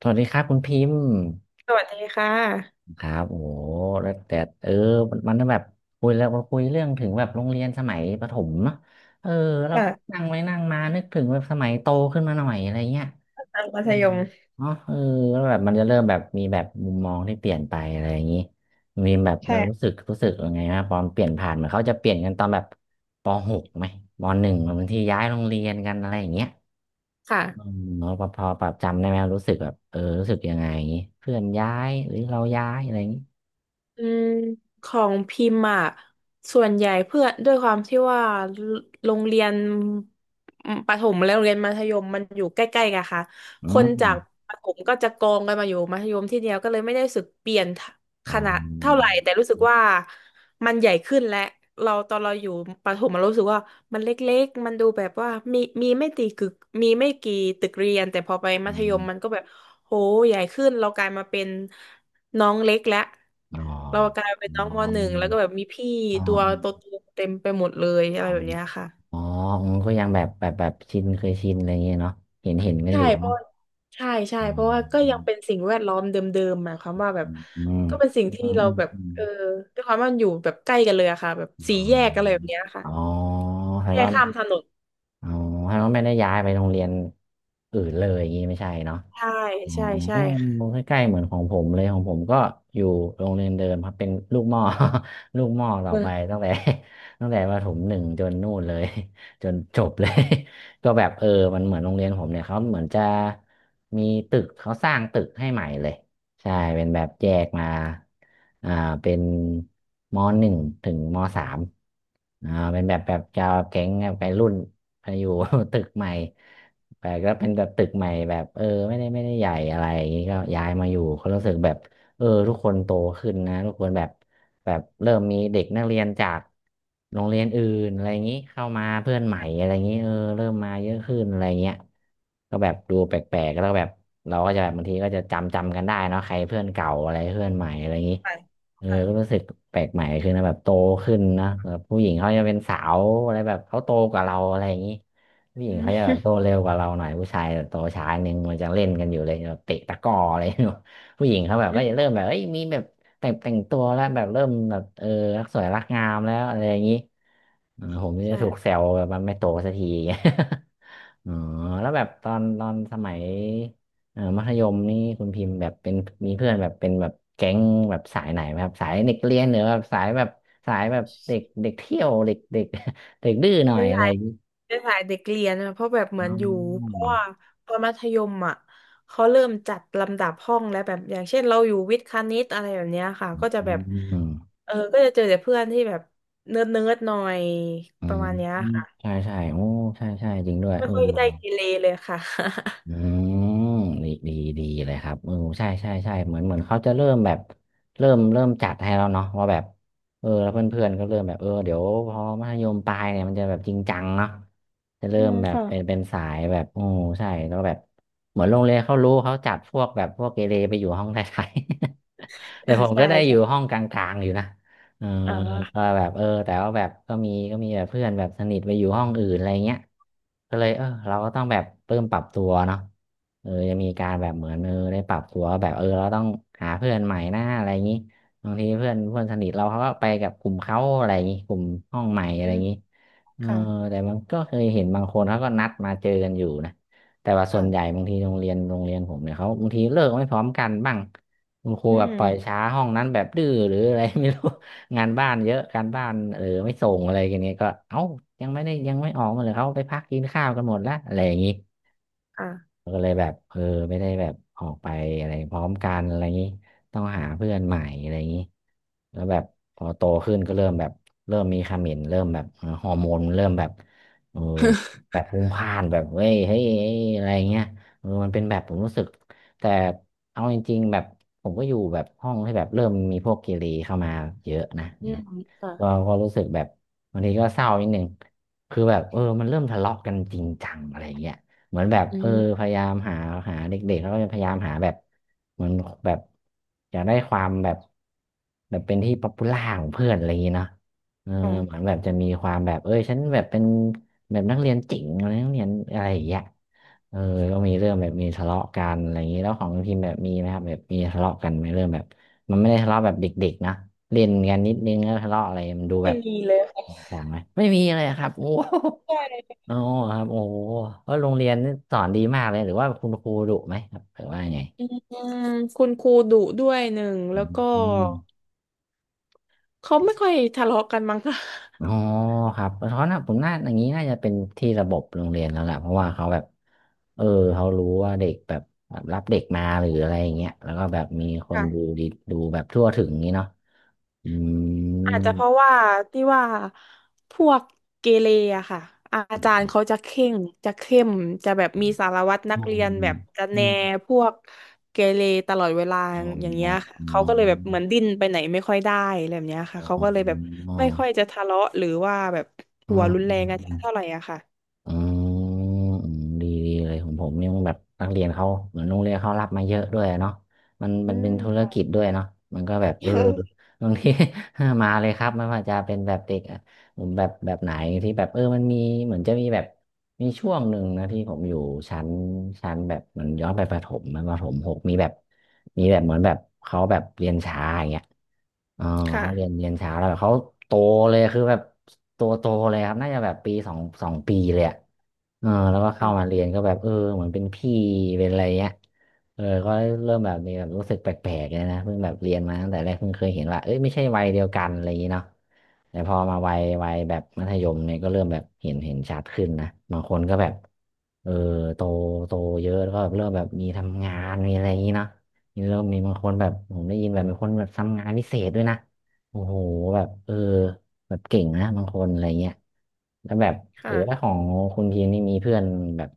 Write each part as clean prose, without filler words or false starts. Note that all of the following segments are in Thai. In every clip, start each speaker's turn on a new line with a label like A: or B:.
A: สวัสดีครับคุณพิมพ์
B: สวัสดีค่ะ
A: ครับโอ้โหแล้วแต่เออมันแบบคุยแล้วมาคุยเรื่องถึงแบบโรงเรียนสมัยประถมเนาะเออเรา
B: ค่ะ
A: นั่งไว้นั่งมานึกถึงแบบสมัยโตขึ้นมาหน่อยอะไรเงี้ย
B: อันมั
A: อื
B: ธ
A: ม
B: ยม
A: เนาะเออแล้วแบบมันจะเริ่มแบบมีแบบมุมมองที่เปลี่ยนไปอะไรอย่างนี้มีแบบ
B: ใช่
A: รู้สึกยังไงนะตอนเปลี่ยนผ่านเหมือนเขาจะเปลี่ยนกันตอนแบบปหกไหมปหนึ่งบางทีย้ายโรงเรียนกันอะไรอย่างเงี้ย
B: ค่ะ
A: อืมแ้พอพอปรับจำได้ไหมรู้สึกแบบเออรู้สึกยังไงเพื่อนย้ายหรือเราย้ายอะไรอย่างนี้
B: อืมของพิมพ์อะส่วนใหญ่เพื่อนด้วยความที่ว่าโรงเรียนอืมประถมและโรงเรียนมัธยมมันอยู่ใกล้ๆกันค่ะค
A: อื
B: น
A: ม
B: จากประถมก็จะกองกันมาอยู่มัธยมที่เดียวก็เลยไม่ได้รู้สึกเปลี่ยนข
A: อ๋
B: นาดเท่าไหร่
A: อ
B: แต่รู้สึกว่ามันใหญ่ขึ้นและเราตอนเราอยู่ประถมเรารู้สึกว่ามันเล็กๆมันดูแบบว่ามีไม่ตีกึกมีไม่กี่ตึกเรียนแต่พอไปมั
A: อื
B: ธยมมัน
A: ม
B: ก็แบบโหใหญ่ขึ้นเรากลายมาเป็นน้องเล็กแล้ว
A: อ๋อ
B: เรากลายเป็นน้อง
A: อ๋
B: ม
A: อ
B: หนึ่งแล้วก็แบบมีพี่
A: อ๋อ
B: ตัวโตๆเต็มไปหมดเลย
A: อ๋
B: อะ
A: อ
B: ไรแบบเนี้ยค่ะ
A: อ๋ออืมก็ยังแบบชินเคยชินอะไรอย่างเงี้ยเนาะเห็นกัน
B: ใช่
A: อยู่
B: เพ
A: เนาะ
B: ราะใช่
A: อื
B: เพราะว่าก็ยัง
A: ม
B: เป็นสิ่งแวดล้อมเดิมๆหมายความว่าแบ
A: อื
B: บ
A: มอ
B: ก็เป็นสิ่งที่
A: ืม
B: เรา
A: อืม
B: แบบ
A: อืม
B: ด้วยความว่ามันอยู่แบบใกล้กันเลยอะค่ะแบบ
A: อ
B: สี่
A: ม
B: แยกอะไรแบบเนี้ยค่ะ
A: อ๋อแสดง
B: แค่
A: ว่า
B: ข้ามถนน
A: อ๋อแสดงว่าไม่ได้ย้ายไปโรงเรียนอื่นเลยอย่างนี้ไม่ใช่เนาะ
B: ใช่
A: อ๋อ
B: ใช่ใช่ค่ะ
A: ใกล้ๆเหมือนของผมเลยของผมก็อยู่โรงเรียนเดิมครับเป็นลูกหม้อ ลูกหม้อต่อ
B: เมือง
A: ไปตั้งแต่ ตั้งแต่ประถมหนึ่งจนนู่นเลยจนจบเลย ก็แบบเออมันเหมือนโรงเรียนผมเนี่ยเขาเหมือนจะมีตึกเขาสร้างตึกให้ใหม่เลยใช่เป็นแบบแยกมาอ่าเป็นมหนึ่งถึงมสามอ่าเป็นแบบจะแก๊งแบบไปรุ่นไปอยู่ ตึกใหม่ แต่ก็เป็นแบบตึกใหม่แบบเออไม่ได้ใหญ่อะไรอย่างนี้ก็ย้ายมาอยู่เขารู้สึกแบบเออทุกคนโตขึ้นนะทุกคนแบบแบบเริ่มมีเด็กนักเรียนจากโรงเรียนอื่นอะไรอย่างนี้เข้ามาเพื่อนใหม่อะไรอย่างนี้เออเริ่มมาเยอะขึ้นอะไรเงี้ยก็แบบดูแปลกๆแล้วก็แบบเราก็จะแบบบางทีก็จะจำกันได้เนาะใครเพื่อนเก่าอะไรเพื่อนใหม่อะไรอย่างนี้
B: ไป
A: เออ
B: ค่ะ
A: ก็รู้สึกแปลกใหม่ขึ้นนะแบบโตขึ้นนะแบบผู้หญิงเขาจะเป็นสาวอะไรแบบเขาโตกว่าเราอะไรอย่างนี้ ผู้หญิง
B: อืม
A: เขาจะแบ บโตเร็วกว่าเราหน่อยผู้ชายแบบโตช้าหนึ่งมันจะเล่นกันอยู่เลยแบบเตะตะกร้ออะไร ผู้หญิงเขาแบบก็จะเริ่มแบบเอ้ยมีแบบแต่งตัวแล้วแบบเริ่มแบบเออรักสวยรักงามแล้วอะไรอย่างนี้เออผมจะถูกแซ
B: ใช่
A: วแบบมันไม่โตสักที อ๋อแล้วแบบตอนสมัยเออมัธยมนี่คุณพิมพ์แบบเป็นมีเพื่อนแบบเป็นแบบแก๊งแบบสายไหนไหมครับสายเด็กเรียนหรือแบบสายแบบสายแบบเด็กเด็กเที่ยวเด็กเด็กเด็กดื้อหน่อ
B: เป็
A: ย
B: น
A: อะไร
B: สาย
A: อย่างนี้
B: เป็นสายเด็กเรียนนะเพราะแบบเหมือ
A: อ๋
B: นอยู่เพราะ
A: อ
B: ว่าตอนมัธยมอ่ะเขาเริ่มจัดลำดับห้องแล้วแบบอย่างเช่นเราอยู่วิทย์คณิตอะไรแบบเนี้ยค่ะก็จะ
A: อื
B: แบบ
A: ม
B: เออก็จะเจอแต่เพื่อนที่แบบเนิร์ดหน่อย
A: อื
B: ประ
A: ม
B: มาณเนี้ยค่ะ
A: ใช่ใช่โอ้ใช่ใช่จริงด้วย
B: ไม่
A: อื
B: ค่อย
A: ม
B: ได้เกเรเลยค่ะ
A: อืมดีดีดีเลยครับเออใช่ใช่ใช่เหมือนเหมือนเขาจะเริ่มแบบเริ่มจัดให้แล้วเนาะว่าแบบเออแล้วเพื่อนๆก็เริ่มแบบเออเดี๋ยวพอมัธยมปลายเนี่ยมันจะแบบจริงจังเนาะจะ เริ่
B: อื
A: ม
B: ม
A: แบบ
B: ค่ะ
A: เป็นสายแบบโอ้ใช่แล้วแบบเหมือนโรงเรียนเขารู้เขาจัดพวกแบบพวกเกเรไปอยู่ห้องท้ายๆ แต่ผ ม
B: ใช่
A: ก็ได้อยู่
B: ใช่
A: ห้องกลางๆอยู่นะ เออ
B: อ่า
A: ก็แบบเออแต่ว่าแบบก็มีแบบเพื่อนแบบสนิทไปอยู่ห้องอื่นอะไรเงี้ยก็เลยเออเราก็ต้องแบบเริ่มปรับตัวเนาะเออจะมีการแบบเหมือนเออได้ปรับตัวว่าแบบเออเราต้องหาเพื่อนใหม่หน้าอะไรอย่างงี้บางทีเพื่อนเพื่อนสนิทเราเขาก็ไปกับกลุ่มเขาอะไรอย่างงี้กลุ่มห้องใหม่อะ
B: อื
A: ไรอ
B: ม
A: ย่างงี้เออ
B: ค่ะ
A: แต่มันก็เคยเห็นบางคนเขาก็นัดมาเจอกันอยู่นะแต่ว่าส่วนใหญ่
B: ค่ะ
A: บางทีโรงเรียนผมเนี่ยเขาบางทีเลิกไม่พร้อมกันบ้างคุณครู
B: อื
A: แบบปล่อย
B: ม
A: ช้าห้องนั้นแบบดื้อหรืออะไร ไม่รู้ งานบ้านเยอะการบ้านเออไม่ส่งอะไรกันเนี้ยก็เอ้ายังไม่ได้ยังไม่ออกมาเลยเขาไปพักกินข้าวกันหมดละอะไรอย่างงี้
B: อ่ะ
A: ก็เลยแบบเออไม่ได้แบบออกไปอะไรพร้อมกันอะไรอย่างนี้ต้องหาเพื่อนใหม่อะไรอย่างนี้แล้วแบบพอโตขึ้นก็เริ่มแบบเริ่มมีเขม็นเริ่มแบบฮอร์โมนเริ่มแบบเออแบบพลุ่งพล่านแบบเว้ยเฮ้ยเอ้ยอะไรเงี้ยเออมันเป็นแบบผมรู้สึกแต่เอาจริงๆแบบผมก็อยู่แบบห้องที่แบบเริ่มมีพวกเกเรเข้ามาเยอะนะ
B: อืม
A: เนี่ย
B: ค่ะ
A: ก็รู้สึกแบบบางทีก็เศร้านิดนึงคือแบบเออมันเริ่มทะเลาะกันจริงจังอะไรเงี้ย เหมือนแบบ
B: อื
A: เออ
B: ม
A: พยายามหาเด็กๆเขาก็จะพยายามหาแบบเหมือนแบบอยากได้ความแบบแบบเป็นที่ป๊อปปูล่าของเพื่อนอะไรอย่างเงี้เนาะเออเหมือ
B: ค่ะ
A: นแบบจะมีความแบบเอ้ยฉันแบบเป็นแบบนักเรียนเจ๋งอะไรนักเรียนอะไรอย่างเงี้ยเออก็มีเรื่องแบบมีทะเลาะกันอะไรอย่างงี้แล้วของทีมแบบมีไหมครับแบบมีทะเลาะกันไหมเรื่องแบบมันไม่ได้ทะเลาะแบบเด็กๆนะเล่นกันนิดนึงแล้วทะเลาะอะไรมันดูแบ
B: ไม่
A: บ
B: มีเลย
A: จริ
B: ค่ะ
A: งจังไหมไม่มีเลยครับโอ้โห
B: ใช่
A: อ๋อครับโอ้ก็โรงเรียนนี่สอนดีมากเลยหรือว่าคุณครูดุไหมครับหรือว่าไง
B: อืมคุณครูดุด้วยหนึ่งแล้วก็
A: อืม
B: เขาไม่ค่อยทะเลาะกันมั้งค่ะ
A: อ๋อครับเพราะนะผมน่าอย่างนี้น่าจะเป็นที่ระบบโรงเรียนแล้วแหละเพราะว่าเขาแบบเออเขารู้ว่าเด็กแบบรับเด็กมาหรืออะไรอย่างเงี้ยแล้วก็แบบมีคน
B: ค่ะ
A: ดู ดีดูแบบทั่วถึงนี้เนาะอืม
B: อาจจะเพราะว่าที่ว่าพวกเกเรอะค่ะอาจารย์เขาจะเข่งจะเข้มจะแบบ
A: อ
B: มีสารวัตรนัก
A: ืม
B: เรียนแบบจะ
A: อื
B: แน
A: ม
B: พวกเกเรตลอดเวลา
A: อ๋อ
B: อย่างเงี้ยค่ะเขา
A: อ๋อ
B: ก็เลยแบบเหมือนดิ้นไปไหนไม่ค่อยได้อะไรแบบเนี้ย
A: อ๋
B: ค่ะ
A: อ
B: เขา
A: อ
B: ก็เลยแบบ
A: ๋อ
B: ไม่ค่อยจะทะเลาะหรือว่าแบบ
A: อ๋อ
B: หัวรุนแรงกันเท่าไหร่อะค่ะ
A: อ๋ออืมดีดีเลยของผมเนี่ยมันแบบนักเรียนเขาเหมือนโรงเรียนเขารับมาเยอะด้วยเนาะมันมั
B: อื
A: นเป็น
B: ม
A: ธุรกิจด้วยเนาะมันก็แบบเออ บางที มาเลยครับไม่ว่าจะเป็นแบบเด็กอะผมแบบแบบไหนที่แบบเออมันมีเหมือนจะมีแบบมีช่วงหนึ่งนะที่ผมอยู่ชั้นชั้นแบบเหมือนย้อนไปประถมมันประถมหกมีแบบ มีแบบเหมือนแบบเขาแบบเรียนช้าอย่างเงี้ยเออ
B: ค่ะ
A: เขาเรีย นช้าแล้วแบบเขาโตเลยคือแบบตัวโตเลยครับน่าจะแบบปีสองปีเลยอะเออแล้วก็
B: ค่ะ
A: เข้า
B: เอา
A: มาเรียนก็แบบเออเหมือนเป็นพี่เป็นอะไรเงี้ยเออก็เริ่มแบบมีแบบรู้สึกแปลกๆเลยนะเพิ่งแบบเรียนมาตั้งแต่แรกเพิ่งเคยเห็นว่าเอ้ยไม่ใช่วัยเดียวกันอะไรอย่างงี้เนาะแต่พอมาวัยแบบมัธยมเนี่ยก็เริ่มแบบเห็นชัดขึ้นนะบางคนก็แบบเออโตโตเยอะแล้วก็แบบเริ่มแบบมีทำงานมีอะไรอย่างงี้เนาะ นี่เริ่มมีบางคนแบบผมได้ยินแบบมีคนแบบทำงานพิเศษด้วยนะโอ้โหแบบเออแบบเก่งนะบางคนอะไรเงี้ยแล้วแบบเออ
B: ค่ะ
A: แล้วของคุณพีนี่มีเพื่อนแบบ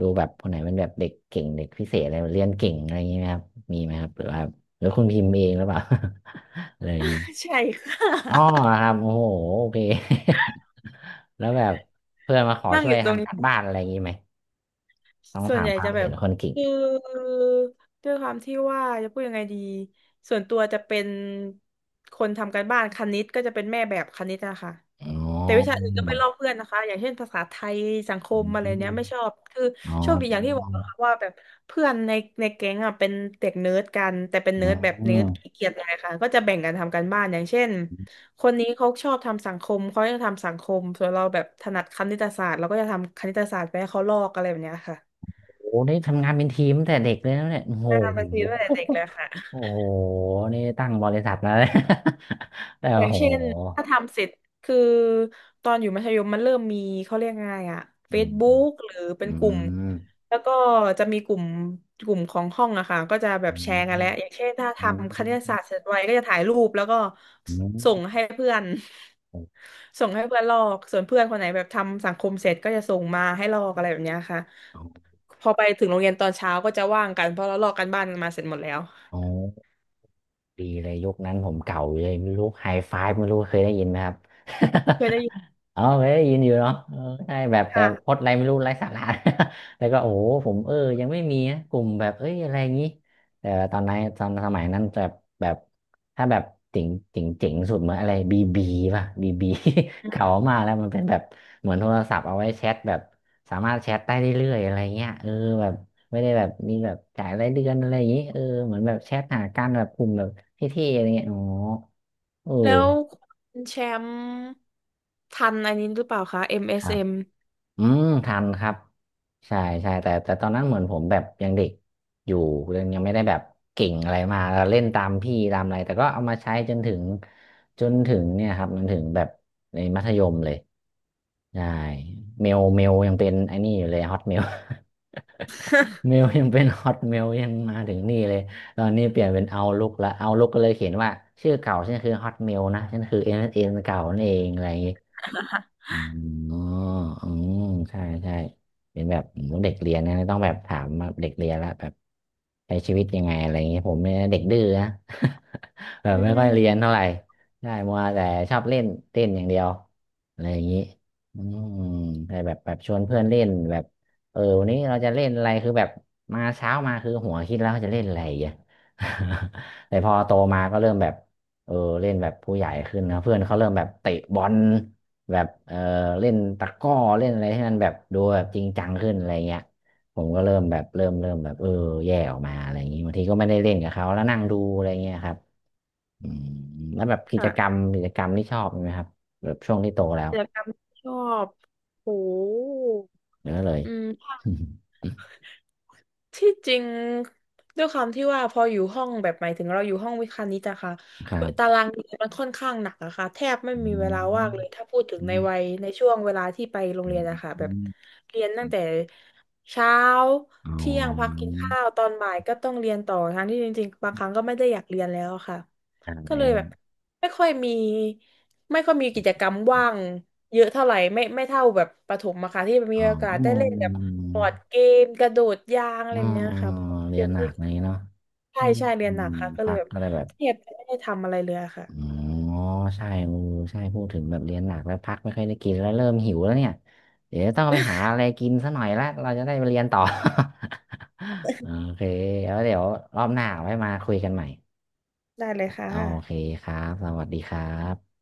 A: ดูแบบคนไหนเป็นแบบเด็กเก่งเด็กพิเศษอะไรเรียนเก่งอะไรอย่างงี้ไหมครับมีไหมครับหรือว่าหรือคุณพิมพ์เองหรือเปล่า อะไรอย่างงี้
B: ใช่ค่ะ
A: อ๋อ ครับโอ้โหโอเค แล้วแบบเพื่อนมาขอ
B: นั่ง
A: ช่
B: อ
A: วย
B: ยู่ตรง
A: ทำ
B: นี้
A: การบ้านอะไรอย่างงี้ไหมต้อง
B: ส่วน
A: ถาม
B: ใหญ่
A: ควา
B: จะ
A: ม
B: แบ
A: เห็
B: บ
A: นคนเก่ง
B: คือด้วยความที่ว่าจะพูดยังไงดี ส่วนตัวจะเป็น คนทำการบ้านคณิตก็จะเป็นแม่แบบคณิตนะคะ
A: อ๋
B: แต่วิ
A: อ
B: ชาอื่นก็ไปลอกเพื่อนนะคะอย่างเช่นภาษาไทยสังคมอะไรเนี้ยไม่ชอบคือ
A: อ๋อ
B: โชคดีอย่างที่บอกนะคะว่าแบบเพื่อนในแก๊งอ่ะเป็นเด็กเนิร์ดกันแต่เป็น
A: อ๋
B: เนิ
A: อ
B: ร์ดแบบ
A: โ
B: เนิร์ดขี้เกียจหน่อยค่ะก็จะแบ่งกันทำการบ้านอย่างเช่นคนนี้เขาชอบทำสังคมเขาจะทำสังคมส่วนเราแบบถนัดคณิตศาสตร์เราก็จะทำคณิตศาสตร์ไปให้เขาลอกอะไรแบบเนี้ยค่ะ
A: อ้โหนี่ทำงานเป็นทีมตั้งแต่เด็กเลยนะเนี่ยโอ้โห
B: อ่าบัญชีตั้งแต่เด็กเลยค่ะ
A: โอ้โหนี่ตั้งบริษัทมาเลย แต่
B: อย่า
A: โอ้
B: ง
A: โห
B: เช่นถ้าทำเสร็จคือตอนอยู่มัธยมมันเริ่มมีเขาเรียกไงอะ
A: อืม
B: Facebook หรือเป็น
A: อื
B: กลุ่ม
A: ม
B: แล้วก็จะมีกลุ่มของห้องอะค่ะก็จะแบ
A: อื
B: บแชร์กันแล้ว
A: ม
B: อย่างเช่นถ้า
A: อื
B: ทำคณิตศา
A: ม
B: สตร์เสร็จไวก็จะถ่ายรูปแล้วก็
A: อื
B: ส่ง
A: ม
B: ให้เพื่อน
A: โ
B: ส่งให้เพื่อนลอกส่วนเพื่อนคนไหนแบบทำสังคมเสร็จก็จะส่งมาให้ลอกอะไรแบบเนี้ยค่ะพอไปถึงโรงเรียนตอนเช้าก็จะว่างกันเพราะเราลอกกันบ้านกันมาเสร็จหมดแล้ว
A: อ้โหดีเลยยุคนั้นผมเก่าอยู่เลยไม่รู้ไฮไฟว์ไม่รู้เคยได้ยินไหมครับ
B: เพื่อได้ยิน
A: เออไม่ได้ยินอยู่เนาะเออใช่แบบแต่
B: ค่ะ
A: พดอะไรไม่รู้ไร้สาระ แล้วก็โอ้โหผมเออยังไม่มีนะกลุ่มแบบเอ้ยอะไรอย่างงี้แต่ตอนนั้นตอนสมัยนั้นแบบแบบถ้าแบบเจ๋งเจ๋งเจ๋งสุดเหมือนอะไรบีบีป่ะบีบี เก่ามากแล้วมันเป็นแบบเหมือนโทรศัพท์เอาไว้แชทแบบสามารถแชทได้เรื่อยๆอะไรเงี้ยเออแบบไม่ได้แบบมีแบบจ่ายรายเดือนอะไรอย่างงี้เออเหมือนแบบแชทหากันแบบกลุ่มแบบเท่ๆอะไรเงี้ยอ๋อเอ
B: แล้ว
A: อ
B: คุณแชมป์ทันอันนี้หรือเปล่าคะ
A: ครับ
B: MSM อมเอสเอ็ม
A: อืมทันครับใช่ใช่แต่แต่ตอนนั้นเหมือนผมแบบยังเด็กอยู่เลยังยังไม่ได้แบบเก่งอะไรมากเล่นตามพี่ตามอะไรแต่ก็เอามาใช้จนถึงเนี่ยครับจนถึงแบบในมัธยมเลยใช่เมลยังเป็นไอ้นี่อยู่เลยฮอต เมลยังเป็นฮอตเมลยังมาถึงนี่เลยตอนนี้เปลี่ยนเป็นเอาลุกละเอาลุกก็เลยเขียนว่าชื่อเก่าฉันคือฮอตเมลนะฉันคือเอ็นเอ็นเก่านั่นเองอะไรอย่างงี้ อ๋ออืม ใช่ใช่เป็นแบบผมเด็กเรียนนะต้องแบบถามเด็กเรียนละแบบใช้ชีวิตยังไงอะไรอย่างเงี้ยผมเนี่ยเด็กดื้อนะ แบบ
B: อื
A: ไม่ค่อยเรียนเท่า
B: ม
A: ไหร่ใช่มัวแต่ชอบเล่นเต้นอย่างเดียวอะไรอย่างงี้อืมใช่แบบแบบชวนเพื่อนเล่นแบบเออวันนี้เราจะเล่นอะไรคือแบบมาเช้ามาคือหัวคิดแล้วว่าจะเล่นอะไรอย่างเงี้ย แต่พอโตมาก็เริ่มแบบเออเล่นแบบผู้ใหญ่ขึ้นนะเพื่อนเขาเริ่มแบบเตะบอล แบบเออเล่นตะกร้อเล่นอะไรให้มันแบบดูแบบจริงจังขึ้นอะไรเงี้ยผมก็เริ่มแบบเริ่มแบบเออแย่ออกมาอะไรอย่างงี้บางทีก็ไม่ได้เล่นกับเขาแล้วนั่งดูอะไรเงี้ยครับอืมแล้วแบบกิจ
B: ค่ะ
A: กรรมที่ชอบมีไหมครับแบบช่วงที่โตแล้ว
B: กิจกรรมที่ชอบโห
A: เยอะเลย
B: อืม ที่จริงด้วยความที่ว่าพออยู่ห้องแบบหมายถึงเราอยู่ห้องวิคานิตอะค่ะ
A: ครับ
B: ตารางเรียนมันค่อนข้างหนักอะค่ะแทบไม่
A: อื
B: มีเวลาว่า
A: ม
B: งเลยถ้าพูดถึง
A: อื
B: ใน
A: ม
B: วัยในช่วงเวลาที่ไปโรง
A: อื
B: เรียน
A: ม
B: อะค่ะ
A: อื
B: แบบ
A: ม
B: เรียนตั้งแต่เช้า
A: อ๋อ
B: เที่ยงพักกินข้าวตอนบ่ายก็ต้องเรียนต่อทั้งที่จริงๆบางครั้งก็ไม่ได้อยากเรียนแล้วอะค่ะ
A: อะไร
B: ก็เลย
A: วะ
B: แบบ ไม่ค่อยมีไม่ค่อยมีกิจกรรมว่างเยอะเท่าไหร่ไม่ไม่เท่าแบบประถมอะค่ะที่มี
A: อ๋อ
B: โอกาสได้เล่น
A: อื
B: แบบ
A: ม
B: บอร์ดเกมกระโดดยางอะ
A: อื
B: ไรแบบ
A: ม
B: เนี้ยค่ะเพราะ
A: เรี
B: เดี๋
A: ย
B: ย
A: น
B: ว
A: หนั
B: นี้
A: กอะไรอย่างงี้เนาะ
B: ใช่ใช่
A: อื
B: เรียนหนั
A: ม
B: กค่ะก็เล
A: พั
B: ย
A: ก
B: แบบ
A: ก็ได้แบบ
B: แทบจะไม่ได้ทำอะไรเลยอะค่ะ
A: อ๋อใช่โอ้ใช่พูดถึงแบบเรียนหนักแล้วพักไม่ค่อยได้กินแล้วเริ่มหิวแล้วเนี่ยเดี๋ยวต้องไปหา อะไรกินสักหน่อยละเราจะได้ไปเรียนต่อ โอเคแล้วเดี๋ยวรอบหน้าไว้มาคุยกันใหม่
B: ได้เลยค่
A: โอเค
B: ะ
A: ครับสวัสดีครับ